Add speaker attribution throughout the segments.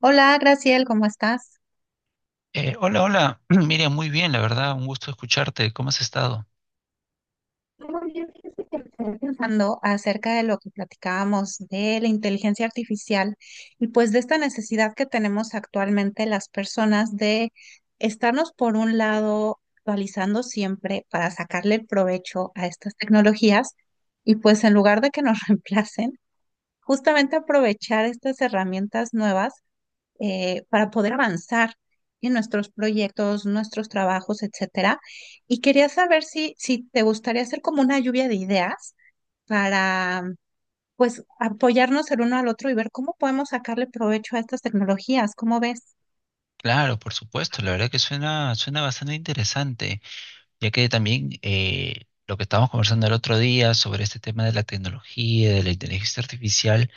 Speaker 1: Hola, Graciel, ¿cómo estás?
Speaker 2: Hola, hola. Miriam, muy bien, la verdad, un gusto escucharte. ¿Cómo has estado?
Speaker 1: Muy bien, fíjese que me quedé pensando acerca de lo que platicábamos de la inteligencia artificial y pues de esta necesidad que tenemos actualmente las personas de estarnos por un lado actualizando siempre para sacarle el provecho a estas tecnologías y pues en lugar de que nos reemplacen, justamente aprovechar estas herramientas nuevas, para poder avanzar en nuestros proyectos, nuestros trabajos, etcétera. Y quería saber si te gustaría hacer como una lluvia de ideas para, pues, apoyarnos el uno al otro y ver cómo podemos sacarle provecho a estas tecnologías. ¿Cómo ves?
Speaker 2: Claro, por supuesto, la verdad que suena bastante interesante, ya que también lo que estábamos conversando el otro día sobre este tema de la tecnología, de la inteligencia artificial,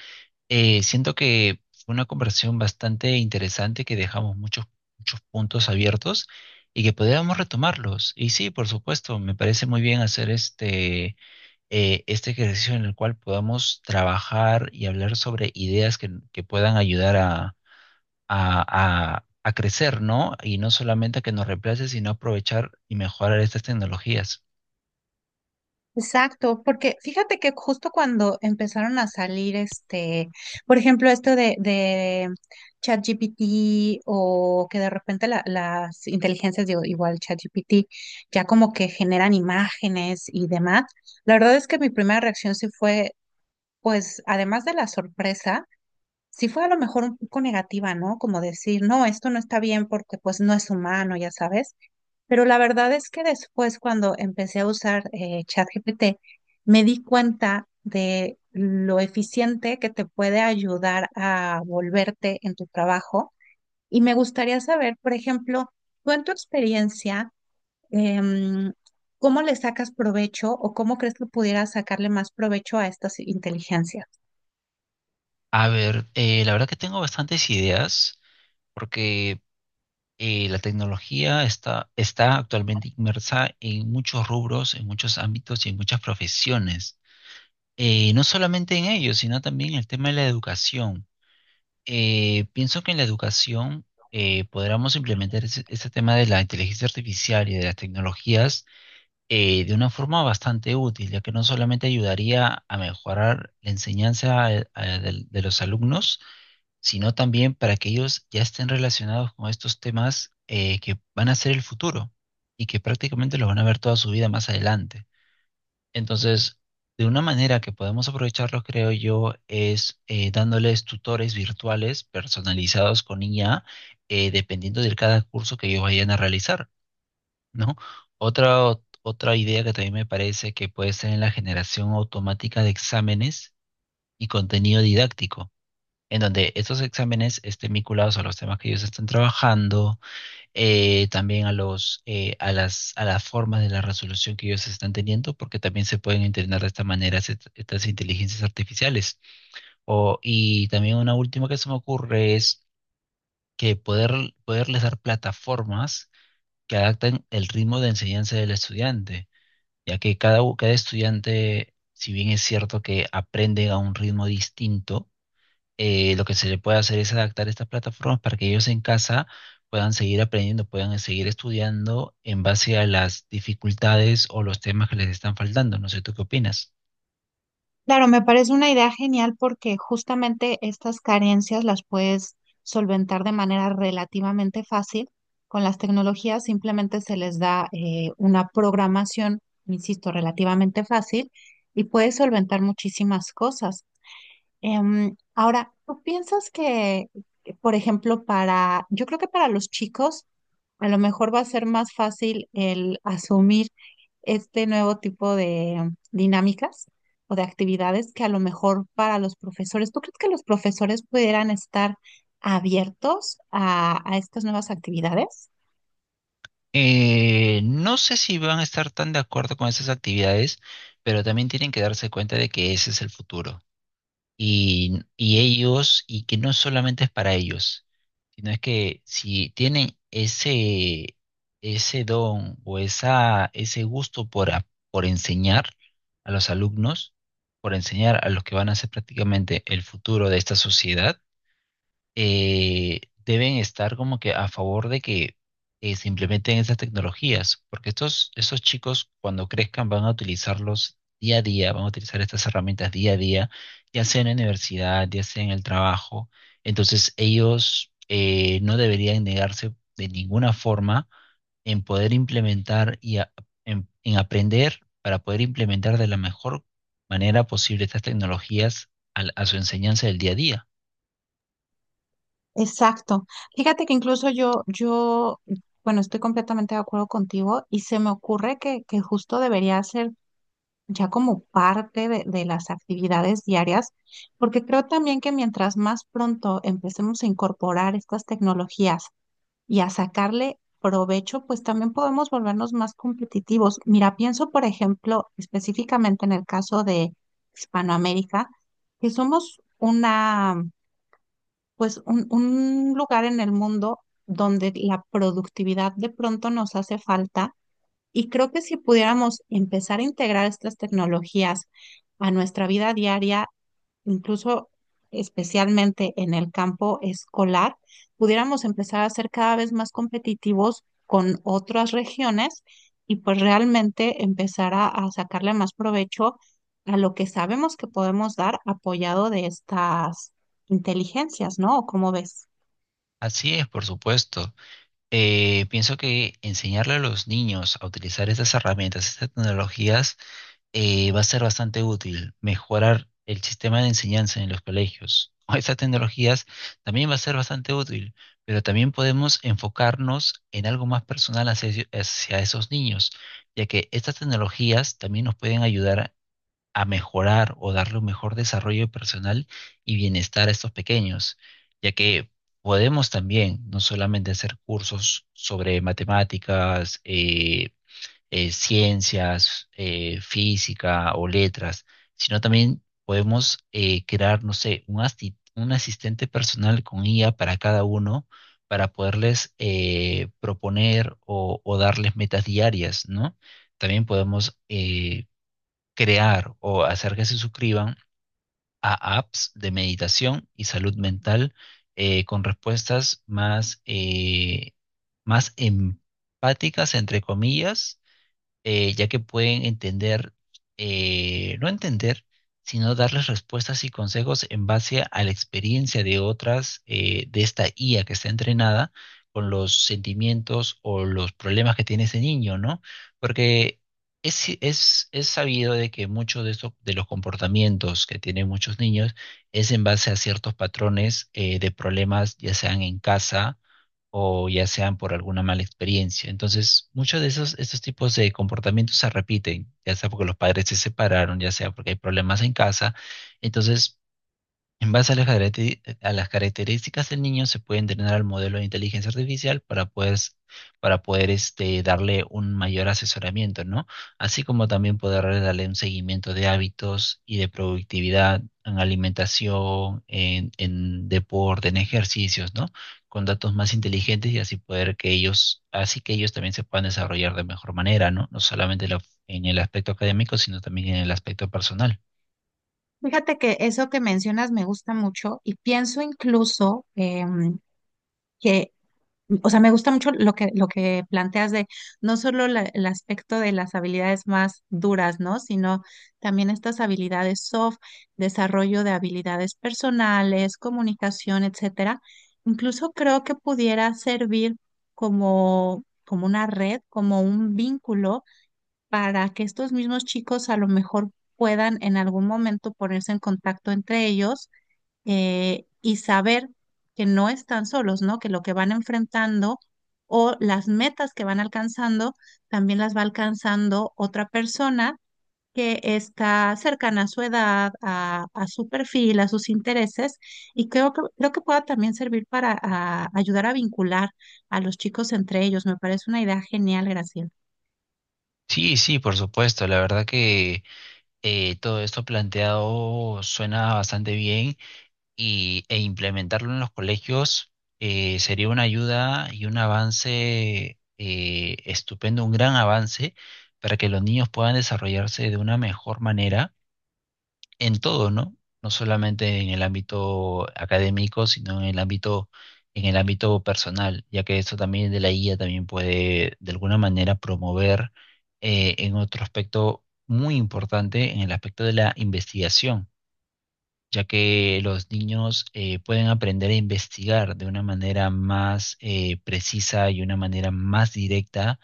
Speaker 2: siento que fue una conversación bastante interesante que dejamos muchos puntos abiertos y que podíamos retomarlos. Y sí, por supuesto, me parece muy bien hacer este ejercicio en el cual podamos trabajar y hablar sobre ideas que puedan ayudar a crecer, ¿no? Y no solamente a que nos reemplace, sino aprovechar y mejorar estas tecnologías.
Speaker 1: Exacto, porque fíjate que justo cuando empezaron a salir este, por ejemplo, esto de ChatGPT o que de repente las inteligencias, digo, igual ChatGPT, ya como que generan imágenes y demás, la verdad es que mi primera reacción sí fue, pues, además de la sorpresa, sí fue a lo mejor un poco negativa, ¿no? Como decir, no, esto no está bien porque pues no es humano, ya sabes. Pero la verdad es que después, cuando empecé a usar ChatGPT, me di cuenta de lo eficiente que te puede ayudar a volverte en tu trabajo. Y me gustaría saber, por ejemplo, tú en tu experiencia, em, ¿cómo le sacas provecho o cómo crees que pudieras sacarle más provecho a estas inteligencias?
Speaker 2: A ver, la verdad que tengo bastantes ideas porque la tecnología está actualmente inmersa en muchos rubros, en muchos ámbitos y en muchas profesiones. No solamente en ellos, sino también en el tema de la educación. Pienso que en la educación podríamos implementar ese tema de la inteligencia artificial y de las tecnologías de una forma bastante útil, ya que no solamente ayudaría a mejorar la enseñanza de los alumnos, sino también para que ellos ya estén relacionados con estos temas que van a ser el futuro y que prácticamente los van a ver toda su vida más adelante. Entonces, de una manera que podemos aprovecharlos, creo yo, es dándoles tutores virtuales personalizados con IA, dependiendo de cada curso que ellos vayan a realizar, ¿no? Otra idea que también me parece que puede ser en la generación automática de exámenes y contenido didáctico, en donde estos exámenes estén vinculados a los temas que ellos están trabajando, también a a las formas de la resolución que ellos están teniendo, porque también se pueden entrenar de esta manera estas inteligencias artificiales. O, y también una última que se me ocurre es que poderles dar plataformas que adapten el ritmo de enseñanza del estudiante, ya que cada estudiante, si bien es cierto que aprende a un ritmo distinto, lo que se le puede hacer es adaptar estas plataformas para que ellos en casa puedan seguir aprendiendo, puedan seguir estudiando en base a las dificultades o los temas que les están faltando. No sé, ¿tú qué opinas?
Speaker 1: Claro, me parece una idea genial porque justamente estas carencias las puedes solventar de manera relativamente fácil con las tecnologías. Simplemente se les da una programación, insisto, relativamente fácil y puedes solventar muchísimas cosas. Ahora, ¿tú piensas que, por ejemplo, para, yo creo que para los chicos, a lo mejor va a ser más fácil el asumir este nuevo tipo de dinámicas o de actividades que a lo mejor para los profesores? ¿Tú crees que los profesores pudieran estar abiertos a estas nuevas actividades?
Speaker 2: No sé si van a estar tan de acuerdo con esas actividades, pero también tienen que darse cuenta de que ese es el futuro. Y ellos, y que no solamente es para ellos, sino es que si tienen ese don o ese gusto por enseñar a los alumnos, por enseñar a los que van a ser prácticamente el futuro de esta sociedad, deben estar como que a favor de que se implementen esas tecnologías, porque esos chicos cuando crezcan van a utilizarlos día a día, van a utilizar estas herramientas día a día, ya sea en la universidad, ya sea en el trabajo. Entonces ellos no deberían negarse de ninguna forma en poder implementar y en aprender para poder implementar de la mejor manera posible estas tecnologías a su enseñanza del día a día.
Speaker 1: Exacto. Fíjate que incluso yo, bueno, estoy completamente de acuerdo contigo y se me ocurre que justo debería ser ya como parte de las actividades diarias, porque creo también que mientras más pronto empecemos a incorporar estas tecnologías y a sacarle provecho, pues también podemos volvernos más competitivos. Mira, pienso, por ejemplo, específicamente en el caso de Hispanoamérica, que somos una, pues un lugar en el mundo donde la productividad de pronto nos hace falta y creo que si pudiéramos empezar a integrar estas tecnologías a nuestra vida diaria, incluso especialmente en el campo escolar, pudiéramos empezar a ser cada vez más competitivos con otras regiones y pues realmente empezar a sacarle más provecho a lo que sabemos que podemos dar apoyado de estas inteligencias, ¿no? ¿O ¿Cómo ves?
Speaker 2: Así es, por supuesto. Pienso que enseñarle a los niños a utilizar estas herramientas, estas tecnologías, va a ser bastante útil. Mejorar el sistema de enseñanza en los colegios con estas tecnologías también va a ser bastante útil, pero también podemos enfocarnos en algo más personal hacia esos niños, ya que estas tecnologías también nos pueden ayudar a mejorar o darle un mejor desarrollo personal y bienestar a estos pequeños, ya que podemos también no solamente hacer cursos sobre matemáticas, ciencias, física o letras, sino también podemos crear, no sé, un asistente personal con IA para cada uno para poderles proponer o darles metas diarias, ¿no? También podemos crear o hacer que se suscriban a apps de meditación y salud mental con respuestas más empáticas, entre comillas, ya que pueden entender, no entender, sino darles respuestas y consejos en base a la experiencia de otras, de esta IA que está entrenada con los sentimientos o los problemas que tiene ese niño, ¿no? Porque es sabido de que muchos de de los comportamientos que tienen muchos niños es en base a ciertos patrones de problemas, ya sean en casa o ya sean por alguna mala experiencia. Entonces, estos tipos de comportamientos se repiten, ya sea porque los padres se separaron, ya sea porque hay problemas en casa. Entonces, en base a a las características del niño, se puede entrenar al modelo de inteligencia artificial para para poder este, darle un mayor asesoramiento, ¿no? Así como también poder darle un seguimiento de hábitos y de productividad en alimentación, en deporte, en ejercicios, ¿no? Con datos más inteligentes y así poder que ellos, así que ellos también se puedan desarrollar de mejor manera, ¿no? No solamente en el aspecto académico, sino también en el aspecto personal.
Speaker 1: Fíjate que eso que mencionas me gusta mucho y pienso incluso em, que o sea, me gusta mucho lo que planteas de no solo el aspecto de las habilidades más duras, ¿no? Sino también estas habilidades soft, desarrollo de habilidades personales, comunicación, etcétera. Incluso creo que pudiera servir como una red, como un vínculo para que estos mismos chicos a lo mejor puedan en algún momento ponerse en contacto entre ellos y saber que no están solos, ¿no? Que lo que van enfrentando o las metas que van alcanzando también las va alcanzando otra persona que está cercana a su edad, a su perfil, a sus intereses, y creo que pueda también servir para ayudar a vincular a los chicos entre ellos. Me parece una idea genial, Graciela.
Speaker 2: Sí, sí, por supuesto. La verdad que todo esto planteado suena bastante bien e implementarlo en los colegios sería una ayuda y un avance estupendo, un gran avance para que los niños puedan desarrollarse de una mejor manera en todo, ¿no? No solamente en el ámbito académico, sino en el en el ámbito personal, ya que esto también de la guía también puede de alguna manera promover en otro aspecto muy importante, en el aspecto de la investigación, ya que los niños pueden aprender a investigar de una manera más precisa y una manera más directa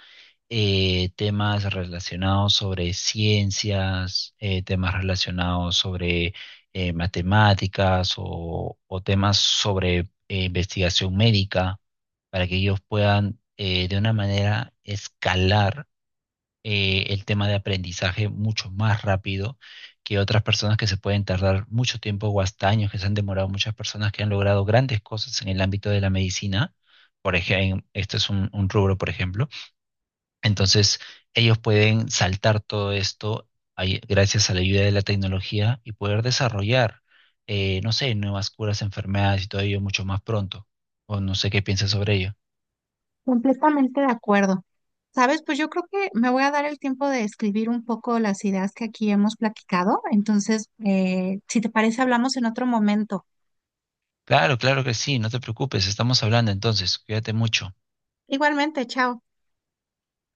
Speaker 2: temas relacionados sobre ciencias, temas relacionados sobre matemáticas o temas sobre investigación médica, para que ellos puedan de una manera escalar el tema de aprendizaje mucho más rápido que otras personas que se pueden tardar mucho tiempo o hasta años, que se han demorado muchas personas que han logrado grandes cosas en el ámbito de la medicina. Por ejemplo, este es un rubro, por ejemplo entonces, ellos pueden saltar todo esto gracias a la ayuda de la tecnología y poder desarrollar, no sé, nuevas curas, enfermedades y todo ello mucho más pronto. O no sé qué piensas sobre ello.
Speaker 1: Completamente de acuerdo. Sabes, pues yo creo que me voy a dar el tiempo de escribir un poco las ideas que aquí hemos platicado. Entonces, si te parece, hablamos en otro momento.
Speaker 2: Claro, claro que sí, no te preocupes, estamos hablando entonces, cuídate mucho.
Speaker 1: Igualmente, chao.